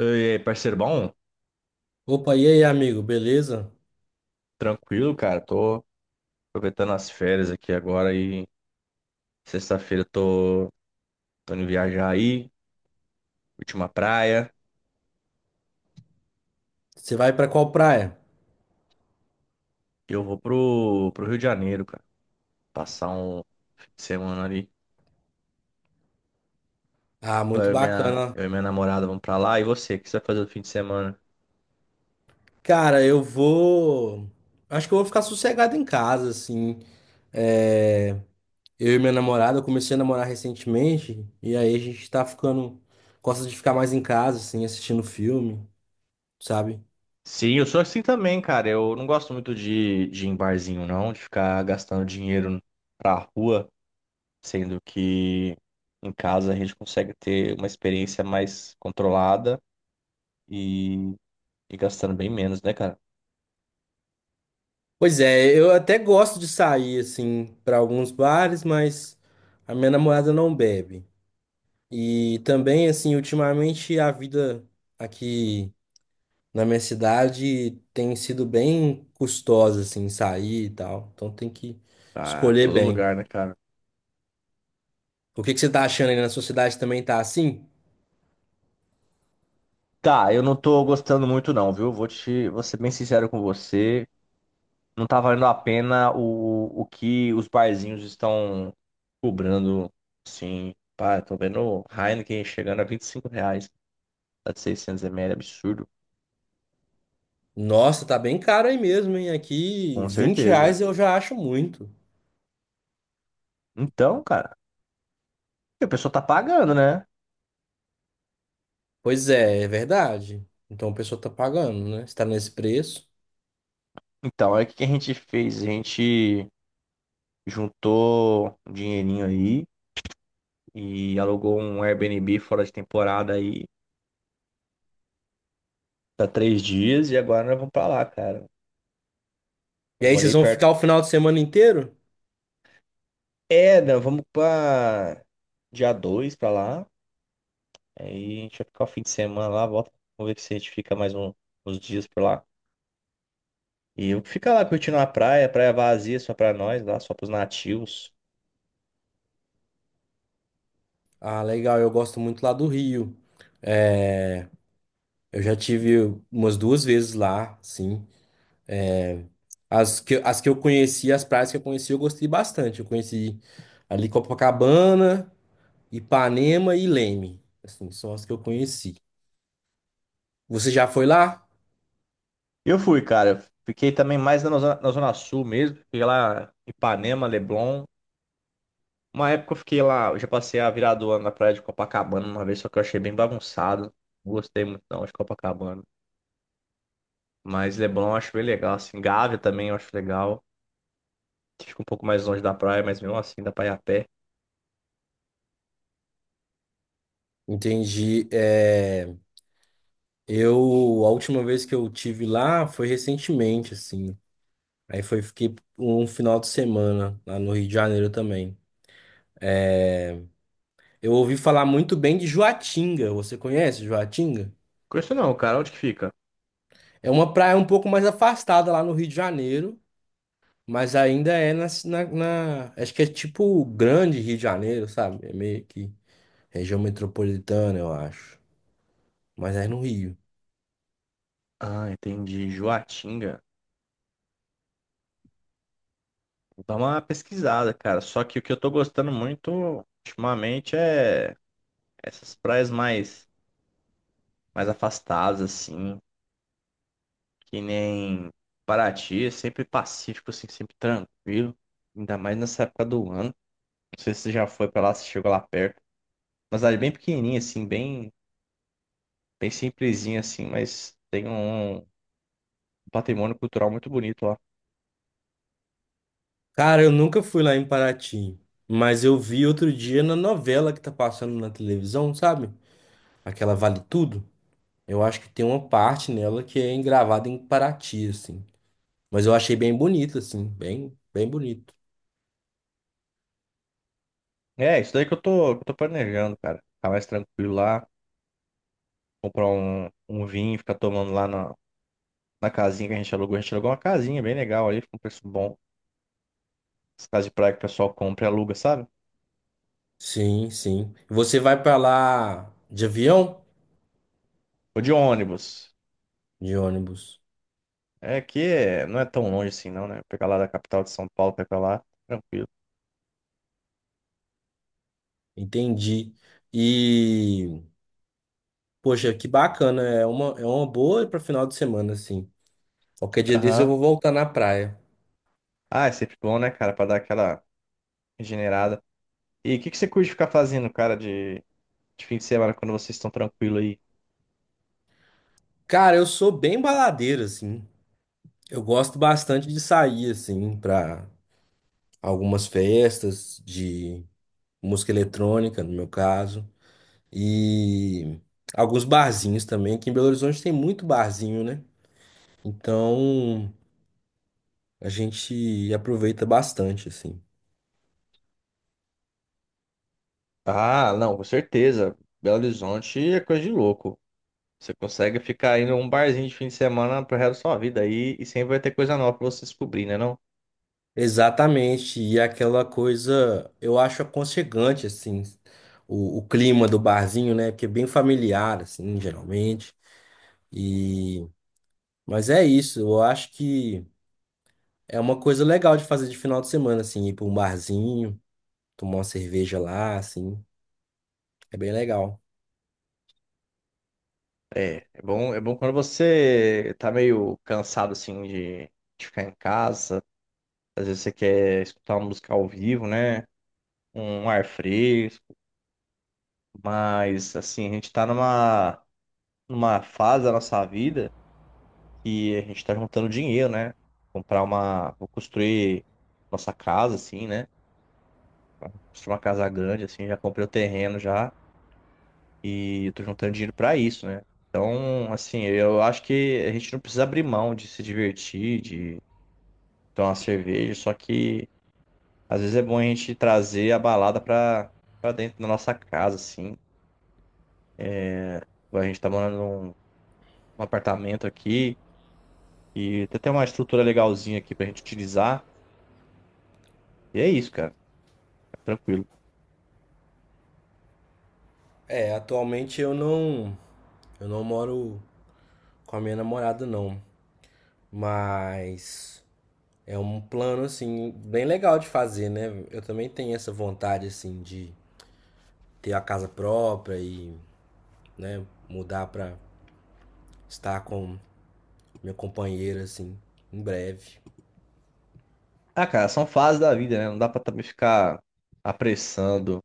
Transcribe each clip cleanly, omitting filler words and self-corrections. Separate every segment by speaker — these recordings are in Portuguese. Speaker 1: E aí, parceiro, bom?
Speaker 2: Opa, e aí, amigo, beleza?
Speaker 1: Tranquilo, cara. Tô aproveitando as férias aqui agora e sexta-feira eu tô indo viajar aí, última praia.
Speaker 2: Você vai pra qual praia?
Speaker 1: E eu vou pro Rio de Janeiro, cara. Passar um fim de semana ali.
Speaker 2: Ah,
Speaker 1: Vai
Speaker 2: muito bacana.
Speaker 1: Eu e minha namorada vamos pra lá. E você, o que você vai fazer no fim de semana?
Speaker 2: Cara, eu vou. Acho que eu vou ficar sossegado em casa, assim. É, eu e minha namorada, eu comecei a namorar recentemente, e aí a gente tá ficando. Gosta de ficar mais em casa, assim, assistindo filme, sabe?
Speaker 1: Sim, eu sou assim também, cara. Eu não gosto muito de ir em barzinho, não, de ficar gastando dinheiro pra rua, sendo que em casa a gente consegue ter uma experiência mais controlada e, e gastando bem menos, né, cara?
Speaker 2: Pois é, eu até gosto de sair, assim, pra alguns bares, mas a minha namorada não bebe. E também, assim, ultimamente a vida aqui. Na minha cidade tem sido bem custosa, assim, sair e tal. Então tem que
Speaker 1: Tá,
Speaker 2: escolher
Speaker 1: todo
Speaker 2: bem.
Speaker 1: lugar, né, cara?
Speaker 2: O que que você tá achando aí na sua cidade também tá assim?
Speaker 1: Tá, eu não tô gostando muito não, viu? Vou ser bem sincero com você. Não tá valendo a pena o que os barzinhos estão cobrando, sim. Pá, eu tô vendo o Heineken chegando a R$ 25, tá de 600 ml, absurdo.
Speaker 2: Nossa, tá bem caro aí mesmo, hein? Aqui,
Speaker 1: Com
Speaker 2: 20
Speaker 1: certeza.
Speaker 2: reais eu já acho muito.
Speaker 1: Então, cara, a pessoa tá pagando, né?
Speaker 2: Pois é, é verdade. Então o pessoal tá pagando, né? Está nesse preço.
Speaker 1: Então, aí o que que a gente fez? A gente juntou um dinheirinho aí e alugou um Airbnb fora de temporada aí tá três dias e agora nós vamos pra lá, cara.
Speaker 2: E
Speaker 1: Vamos
Speaker 2: aí vocês
Speaker 1: ali
Speaker 2: vão ficar
Speaker 1: perto.
Speaker 2: o final de semana inteiro?
Speaker 1: É, nós vamos pra dia 2 pra lá. Aí a gente vai ficar o fim de semana lá, volta. Vamos ver se a gente fica mais uns dias por lá. E eu ficar lá curtindo a praia, praia vazia só pra nós, lá só pros nativos.
Speaker 2: Ah, legal, eu gosto muito lá do Rio. Eu já tive umas duas vezes lá, sim. As que eu conheci, as praias que eu conheci, eu gostei bastante. Eu conheci ali Copacabana, Ipanema e Leme. Assim, são as que eu conheci. Você já foi lá?
Speaker 1: Eu fui, cara. Fiquei também mais na zona sul mesmo. Fiquei lá em Ipanema, Leblon. Uma época eu fiquei lá, eu já passei a virada do ano na praia de Copacabana uma vez, só que eu achei bem bagunçado. Não gostei muito não de Copacabana. Mas Leblon eu acho bem legal, assim. Gávea também eu acho legal, que fica um pouco mais longe da praia, mas mesmo assim dá pra ir a pé.
Speaker 2: Entendi. É, a última vez que eu tive lá foi recentemente, assim. Aí foi, fiquei um final de semana lá no Rio de Janeiro também. Eu ouvi falar muito bem de Joatinga. Você conhece Joatinga?
Speaker 1: Conheço não, cara. Onde que fica?
Speaker 2: É uma praia um pouco mais afastada lá no Rio de Janeiro. Mas ainda é na- acho que é tipo o grande Rio de Janeiro, sabe? É meio que região metropolitana, eu acho. Mas é no Rio.
Speaker 1: Ah, entendi. Joatinga. Vou dar uma pesquisada, cara. Só que o que eu tô gostando muito ultimamente é essas praias mais afastadas, assim. Que nem Paraty, é sempre pacífico, assim, sempre tranquilo. Ainda mais nessa época do ano. Não sei se você já foi pra lá, se chegou lá perto. Mas cidade bem pequenininha, assim, bem, bem simplesinha, assim, mas tem um patrimônio cultural muito bonito lá.
Speaker 2: Cara, eu nunca fui lá em Paraty. Mas eu vi outro dia na novela que tá passando na televisão, sabe? Aquela Vale Tudo. Eu acho que tem uma parte nela que é gravada em Paraty, assim. Mas eu achei bem bonito, assim. Bem, bem bonito.
Speaker 1: É, isso daí que eu tô planejando, cara. Ficar mais tranquilo lá, comprar um vinho, ficar tomando lá na casinha que a gente alugou. A gente alugou uma casinha bem legal ali, com um preço bom. As casas de praia que o pessoal compra e aluga, sabe?
Speaker 2: Sim, sim. Você vai pra lá de avião?
Speaker 1: Ou de ônibus.
Speaker 2: De ônibus.
Speaker 1: É aqui não é tão longe assim, não, né? Pegar lá da capital de São Paulo, pegar lá, tranquilo.
Speaker 2: Entendi. E. Poxa, que bacana. É uma boa para final de semana, assim. Qualquer dia desse eu
Speaker 1: Aham.
Speaker 2: vou voltar na praia.
Speaker 1: Ah, é sempre bom, né, cara, pra dar aquela regenerada. E o que que você curte ficar fazendo, cara, de fim de semana quando vocês estão tranquilo aí?
Speaker 2: Cara, eu sou bem baladeiro, assim. Eu gosto bastante de sair, assim, pra algumas festas de música eletrônica, no meu caso. E alguns barzinhos também. Aqui em Belo Horizonte tem muito barzinho, né? Então a gente aproveita bastante, assim.
Speaker 1: Ah, não, com certeza. Belo Horizonte é coisa de louco. Você consegue ficar indo a um barzinho de fim de semana pro resto da sua vida aí e sempre vai ter coisa nova pra você descobrir, né, não?
Speaker 2: Exatamente, e aquela coisa, eu acho aconchegante, assim, o clima do barzinho, né? Porque é bem familiar, assim, geralmente. E... mas é isso, eu acho que é uma coisa legal de fazer de final de semana, assim, ir para um barzinho, tomar uma cerveja lá, assim, é bem legal.
Speaker 1: É, é bom quando você tá meio cansado assim de ficar em casa. Às vezes você quer escutar uma música ao vivo, né? Um ar fresco. Mas, assim, a gente tá numa fase da nossa vida que a gente tá juntando dinheiro, né? Comprar uma. Vou construir nossa casa, assim, né? Construir uma casa grande, assim. Já comprei o terreno já. E eu tô juntando dinheiro pra isso, né? Então, assim, eu acho que a gente não precisa abrir mão de se divertir, de tomar uma cerveja. Só que, às vezes, é bom a gente trazer a balada pra dentro da nossa casa, assim. É, a gente tá morando num apartamento aqui e tem até uma estrutura legalzinha aqui pra gente utilizar. E é isso, cara. É tranquilo.
Speaker 2: É, atualmente eu não moro com a minha namorada, não, mas é um plano, assim, bem legal de fazer, né? Eu também tenho essa vontade, assim, de ter a casa própria e, né, mudar pra estar com minha companheira, assim, em breve.
Speaker 1: Ah, cara, são fases da vida, né? Não dá pra também ficar apressando.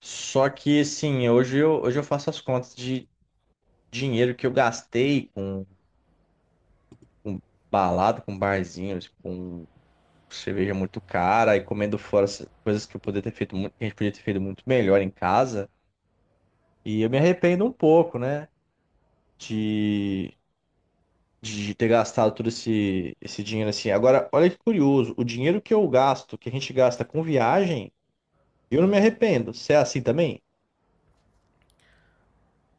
Speaker 1: Só que, assim, hoje eu faço as contas de dinheiro que eu gastei com balada, com barzinhos, com cerveja muito cara e comendo fora essas coisas que eu poderia ter feito muito, que a gente podia ter feito muito melhor em casa. E eu me arrependo um pouco, né? De de ter gastado todo esse dinheiro assim. Agora, olha que curioso, o dinheiro que eu gasto, que a gente gasta com viagem, eu não me arrependo. Você é assim também?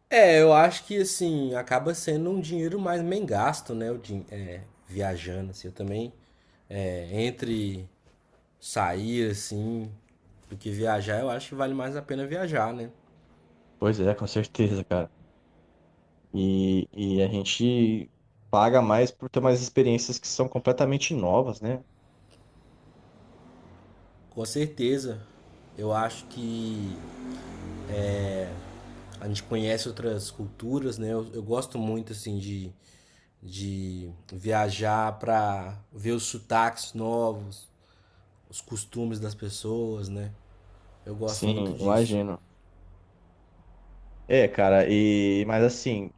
Speaker 2: É, eu acho que, assim, acaba sendo um dinheiro mais bem gasto, né, o din é, viajando, assim, eu também, é, entre sair, assim, do que viajar, eu acho que vale mais a pena viajar, né?
Speaker 1: Pois é, com certeza, cara. E a gente paga mais por ter umas experiências que são completamente novas, né?
Speaker 2: Com certeza. Eu acho que a gente conhece outras culturas, né? Eu gosto muito, assim, de viajar para ver os sotaques novos, os costumes das pessoas, né? Eu gosto
Speaker 1: Sim,
Speaker 2: muito disso.
Speaker 1: imagino. É, cara, e mas assim,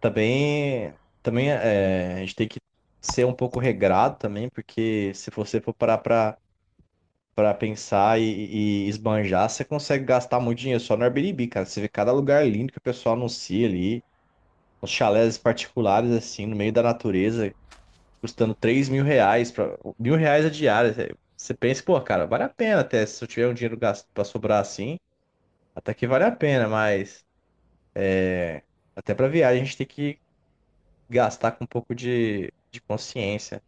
Speaker 1: também também é, a gente tem que ser um pouco regrado também, porque se você for parar pra para pensar e esbanjar, você consegue gastar muito dinheiro só no Airbnb, cara. Você vê cada lugar lindo que o pessoal anuncia ali, uns chalés particulares, assim, no meio da natureza, custando R$ 3.000, pra, R$ 1.000 a diária. Você pensa, pô, cara, vale a pena até, se eu tiver um dinheiro gasto para sobrar assim, até que vale a pena, mas é, até para viagem a gente tem que gastar com um pouco de consciência.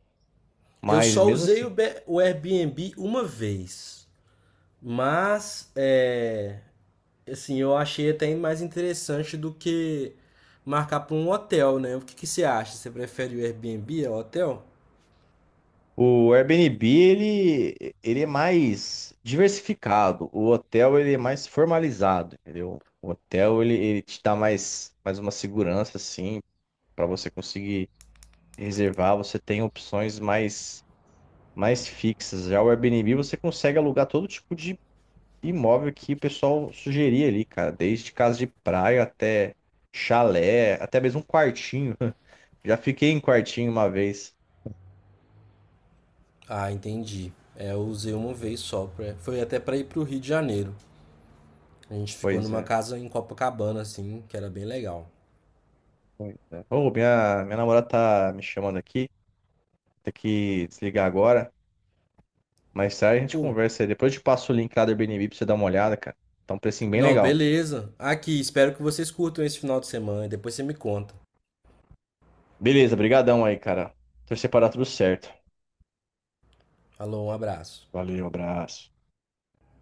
Speaker 2: Eu
Speaker 1: Mas
Speaker 2: só
Speaker 1: mesmo
Speaker 2: usei
Speaker 1: assim,
Speaker 2: o, Airbnb uma vez, mas é, assim, eu achei até mais interessante do que marcar para um hotel, né? O que que você acha? Você prefere o Airbnb ao hotel?
Speaker 1: o Airbnb, ele é mais diversificado. O hotel, ele é mais formalizado, entendeu? O hotel, ele te dá mais uma segurança, assim, para você conseguir reservar. Você tem opções mais fixas. Já o Airbnb, você consegue alugar todo tipo de imóvel que o pessoal sugeria ali, cara. Desde casa de praia até chalé, até mesmo um quartinho. Já fiquei em quartinho uma vez.
Speaker 2: Ah, entendi. É, eu usei uma vez só, pra- foi até para ir para o Rio de Janeiro. A gente ficou
Speaker 1: Pois
Speaker 2: numa
Speaker 1: é.
Speaker 2: casa em Copacabana, assim, que era bem legal.
Speaker 1: Pois é. Ô, minha namorada tá me chamando aqui. Tem que desligar agora. Mais tarde a gente
Speaker 2: Pô,
Speaker 1: conversa aí. Depois eu te passo o link lá do Airbnb pra você dar uma olhada, cara. Tá um precinho bem
Speaker 2: não,
Speaker 1: legal.
Speaker 2: beleza. Aqui, espero que vocês curtam esse final de semana e depois você me conta.
Speaker 1: Beleza, brigadão aí, cara. Torcer pra dar tudo certo.
Speaker 2: Alô, um abraço.
Speaker 1: Valeu, abraço.